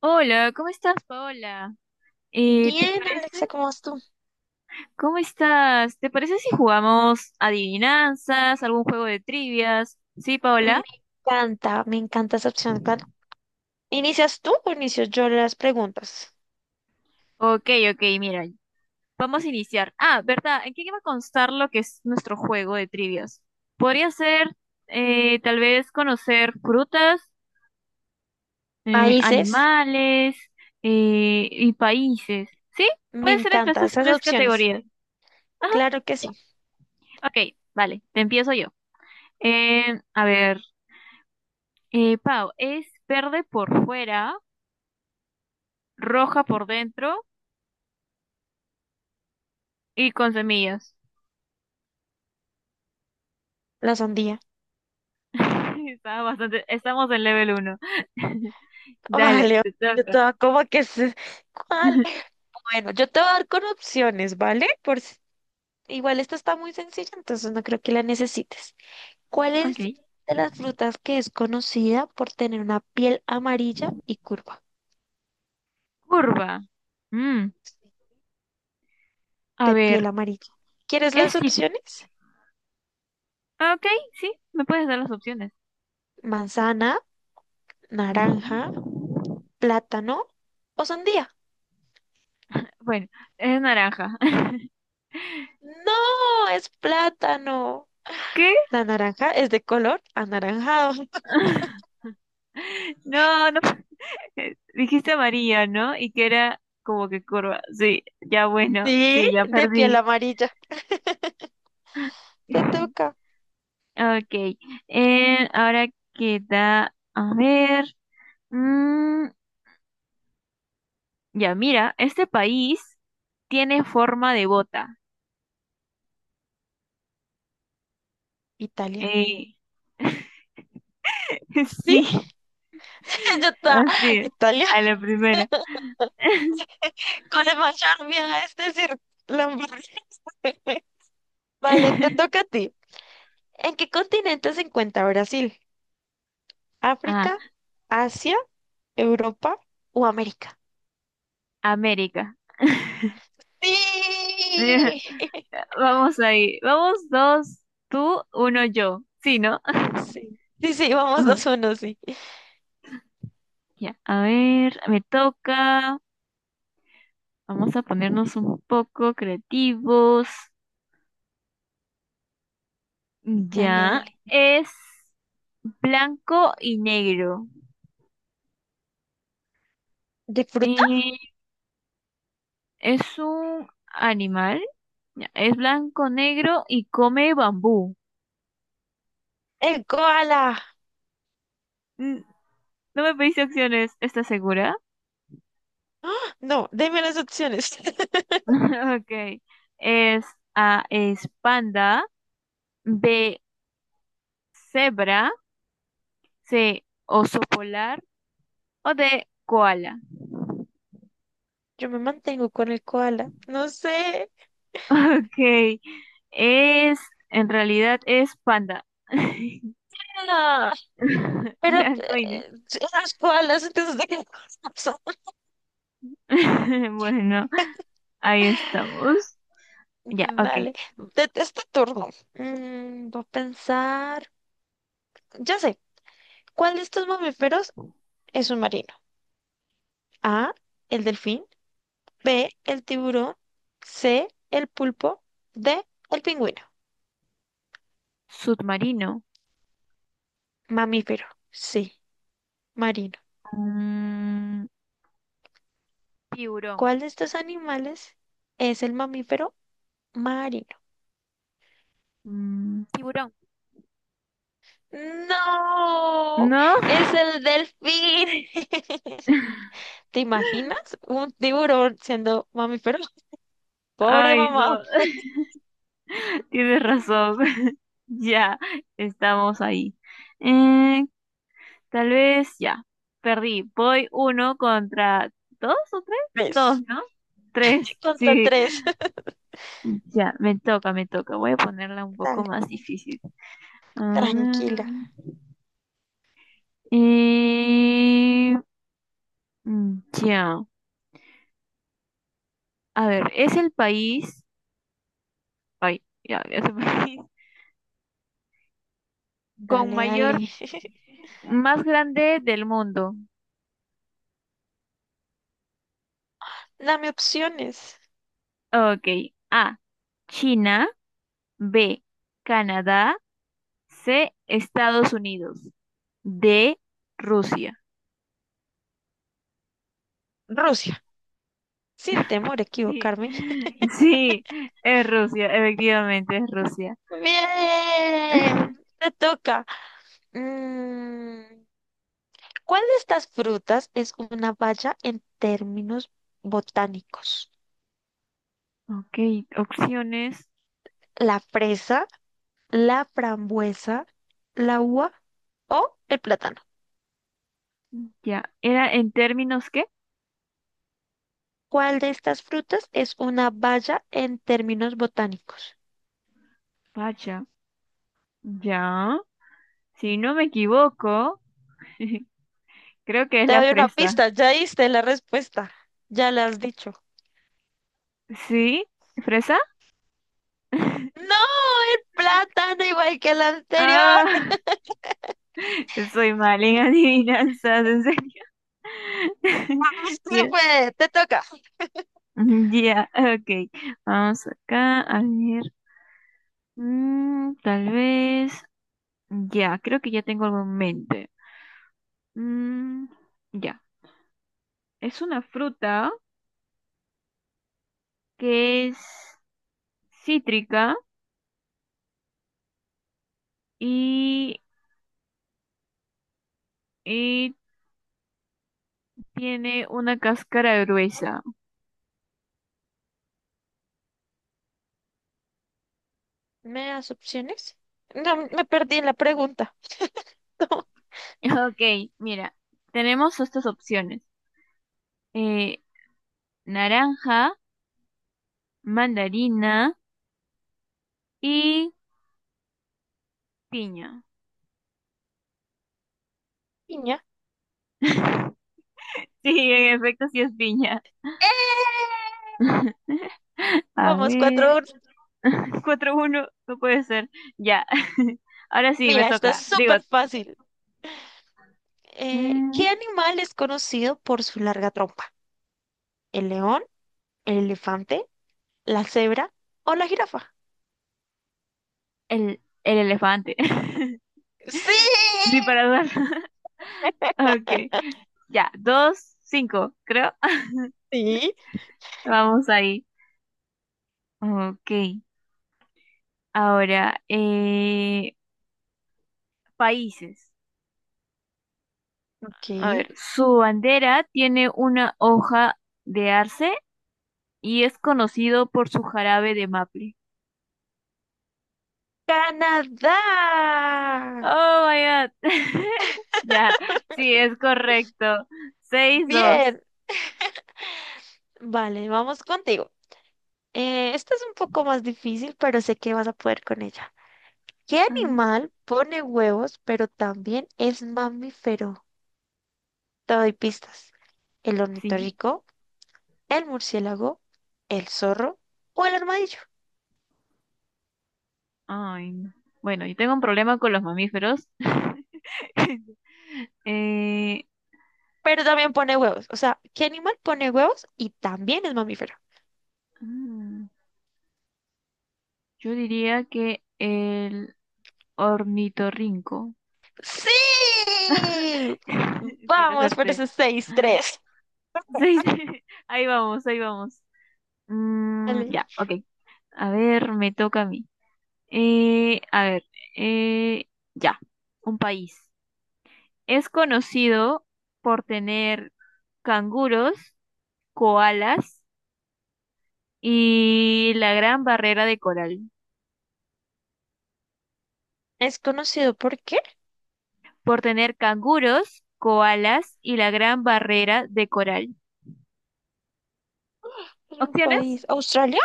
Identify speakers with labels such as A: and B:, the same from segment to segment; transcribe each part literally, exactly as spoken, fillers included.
A: Hola, ¿cómo estás, Paola? Eh, ¿te
B: Bien,
A: parece?
B: Alexa, ¿cómo vas tú?
A: ¿Cómo estás? ¿Te parece si jugamos adivinanzas, algún juego de trivias? ¿Sí,
B: Me
A: Paola?
B: encanta, me encanta esa opción. Claro. ¿Inicias tú o inicio yo las preguntas?
A: Ok, ok, mira, vamos a iniciar. Ah, ¿verdad? ¿En qué va a constar lo que es nuestro juego de trivias? Podría ser, eh, tal vez, conocer frutas, eh,
B: Países,
A: animales, eh, y países. ¿Sí?
B: me
A: Puede ser entre
B: encanta
A: esas
B: esas
A: tres
B: opciones.
A: categorías. Ajá,
B: Claro que
A: ya.
B: sí,
A: Ok, vale, te empiezo yo. Eh, a ver. Eh, Pau, es verde por fuera, roja por dentro y con semillas.
B: la sandía.
A: Está bastante, estamos en level uno. Dale,
B: Vale,
A: te
B: yo te
A: toca.
B: voy a como que se- ¿Cuál? Bueno, yo te voy a dar con opciones, ¿vale? Por si- Igual esta está muy sencilla, entonces no creo que la necesites. ¿Cuál
A: Ok.
B: es de las frutas que es conocida por tener una piel amarilla y curva?
A: Curva. Mm, a
B: De piel
A: ver,
B: amarilla. ¿Quieres
A: es
B: las
A: cit-
B: opciones?
A: ah, Ok, sí, me puedes dar las opciones.
B: Manzana, naranja,
A: Ujú.
B: plátano o sandía.
A: Bueno, es naranja.
B: No, es plátano.
A: ¿Qué?
B: La naranja es de color anaranjado.
A: No, no. Dijiste amarilla, ¿no? Y que era como que curva. Sí, ya bueno,
B: Sí,
A: sí, ya
B: de piel
A: perdí.
B: amarilla. Te toca.
A: Ok, eh, ahora queda, a ver, mm, ya mira, este país tiene forma de bota.
B: Italia.
A: Eh,
B: Sí,
A: sí,
B: ya está.
A: así es,
B: Italia.
A: a la primera.
B: Con el macharmia, es decir, Lamborghini. Vale, te toca a ti. ¿En qué continente se encuentra Brasil?
A: Ah,
B: ¿África, Asia, Europa o América?
A: América.
B: Sí.
A: Vamos ahí, vamos dos, tú, uno, yo. Sí, ¿no?
B: Sí, sí, sí, vamos dos
A: Ajá.
B: uno, sí.
A: Ya, a ver, me toca. Vamos a ponernos un poco creativos.
B: Dale,
A: Ya,
B: dale.
A: es. Blanco y negro.
B: ¿De fruta?
A: Eh, es un animal. Ya, es blanco, negro y come bambú.
B: El koala.
A: Mm, No me pediste opciones, ¿estás segura?
B: ¡Ah! No, deme las opciones.
A: Ok. Es A, es panda. B, cebra. C, oso polar. O D, koala.
B: Yo me mantengo con el koala. No sé.
A: Ok. Es, en realidad es panda.
B: Ah, pero
A: Blanco y negro.
B: eh, las koalas, ¿entonces de qué cosa son?
A: Bueno, ahí estamos. Ya, ok.
B: Vale. De este turno. Mm, voy a pensar. Ya sé. ¿Cuál de estos mamíferos es un marino? A. El delfín. B. El tiburón. C. El pulpo. D. El pingüino.
A: Submarino.
B: Mamífero. Sí. Marino.
A: Mm, Tiburón.
B: ¿Cuál de estos animales es el mamífero marino?
A: Mm, tiburón.
B: No,
A: ¿No?
B: es el delfín. ¿Te imaginas un tiburón siendo mamífero? Pobre
A: Ay,
B: mamá.
A: no, tienes razón. Ya, estamos ahí. Eh, Tal vez ya. Perdí. Voy uno contra dos o tres. Dos,
B: Tres
A: ¿no? Tres.
B: contra
A: Sí.
B: tres.
A: Ya, me toca, me toca. Voy a ponerla un poco
B: Dale,
A: más difícil. Ah,
B: tranquila.
A: eh, mm, ya. A ver, es el país. Ay, ya, ya se me con
B: Dale,
A: mayor,
B: dale.
A: más grande del mundo.
B: Dame opciones.
A: Ok. A. China. B. Canadá. C. Estados Unidos. D. Rusia.
B: Rusia, sin temor a
A: Sí.
B: equivocarme.
A: Sí, es Rusia, efectivamente es Rusia.
B: Bien, te toca. Mm, ¿Cuál de estas frutas es una baya en términos botánicos?
A: Ok, opciones.
B: ¿La fresa, la frambuesa, la uva o el plátano?
A: Ya. ¿Era en términos qué?
B: ¿Cuál de estas frutas es una baya en términos botánicos?
A: Pacha. Ya. Si no me equivoco, creo que es
B: Te
A: la
B: doy una
A: fresa.
B: pista, ya diste la respuesta, ya la has dicho.
A: ¿Sí? ¿Fresa?
B: ¡No! ¡El plátano igual que el anterior!
A: Ah, soy mal en adivinanzas, en serio.
B: ¡Vamos que se
A: Ya,
B: puede! ¡Te toca!
A: ya, ok. Vamos acá, a ver. Mm, tal vez. Ya, creo que ya tengo algo en mente. Mm, ya. Es una fruta que es cítrica y, y tiene una cáscara gruesa.
B: ¿Me das opciones? No, me perdí en la pregunta.
A: Ok, mira, tenemos estas opciones. Eh, Naranja, mandarina. Y piña.
B: Piña.
A: Sí, en efecto, sí es piña.
B: ¡Eh!
A: A
B: Vamos,
A: ver.
B: cuatro.
A: Cuatro uno no puede ser. Ya. Ahora sí, me
B: Mira, esta es
A: toca. Digo,
B: súper fácil. Eh,
A: mm,
B: ¿qué animal es conocido por su larga trompa? ¿El león, el elefante, la cebra o la jirafa?
A: el, el elefante.
B: Sí.
A: Ni para dudar. Ok. Ya, dos cinco creo.
B: Sí.
A: Vamos ahí. Ok. Ahora, eh, países.
B: Ok.
A: A ver, su bandera tiene una hoja de arce y es conocido por su jarabe de maple.
B: Canadá.
A: Oh my God. Ya, sí, es correcto. Seis, dos.
B: Bien. Vale, vamos contigo. Eh, esta es un poco más difícil, pero sé que vas a poder con ella. ¿Qué
A: Ay,
B: animal pone huevos, pero también es mamífero? Te doy pistas. ¿El
A: sí.
B: ornitorrinco, el murciélago, el zorro o el armadillo?
A: Ay, no. Bueno, yo tengo un problema con los mamíferos. Eh,
B: Pero también pone huevos. O sea, ¿qué animal pone huevos y también es mamífero?
A: mm, yo diría que el ornitorrinco.
B: ¡Sí!
A: Sí, lo
B: Vamos por
A: acerté.
B: esos seis tres.
A: Sí, sí. Ahí vamos, ahí vamos. Mm,
B: Vale.
A: ya, ok. A ver, me toca a mí. Eh, a ver, eh, ya, un país. Es conocido por tener canguros, koalas y la gran barrera de coral.
B: ¿Es conocido por qué?
A: Por tener canguros, koalas y la gran barrera de coral.
B: Es un
A: ¿Opciones?
B: país. ¿Australia?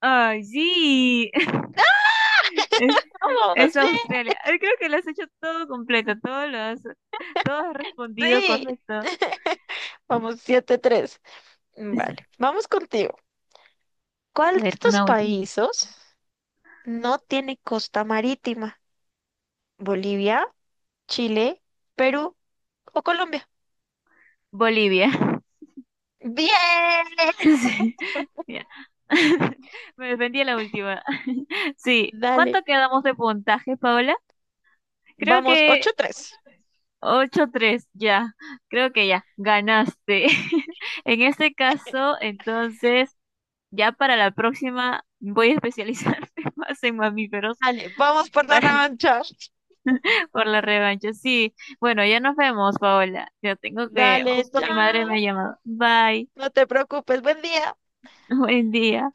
A: Ay, sí. Es, es
B: Vamos, bien.
A: Australia. Ay, creo que lo has hecho todo completo, todo lo has, todo has respondido
B: Sí.
A: correcto. A
B: Vamos, siete tres. Vale, vamos contigo. ¿Cuál de
A: ver,
B: estos
A: una última.
B: países no tiene costa marítima? ¿Bolivia, Chile, Perú o Colombia?
A: Bolivia.
B: Bien.
A: Sí, ya. Me defendí a la última. Sí,
B: Dale,
A: ¿cuánto quedamos de puntaje, Paola? Creo
B: vamos, ocho
A: que
B: tres,
A: ocho tres ya. Creo que ya, ganaste. En este caso, entonces, ya para la próxima voy a especializarme más en mamíferos
B: Dale, vamos por la
A: para-
B: revancha.
A: por la revancha. Sí, bueno, ya nos vemos, Paola. Ya tengo que,
B: Dale,
A: justo mi madre me
B: chao.
A: ha llamado. Bye,
B: No te preocupes, buen día.
A: buen día.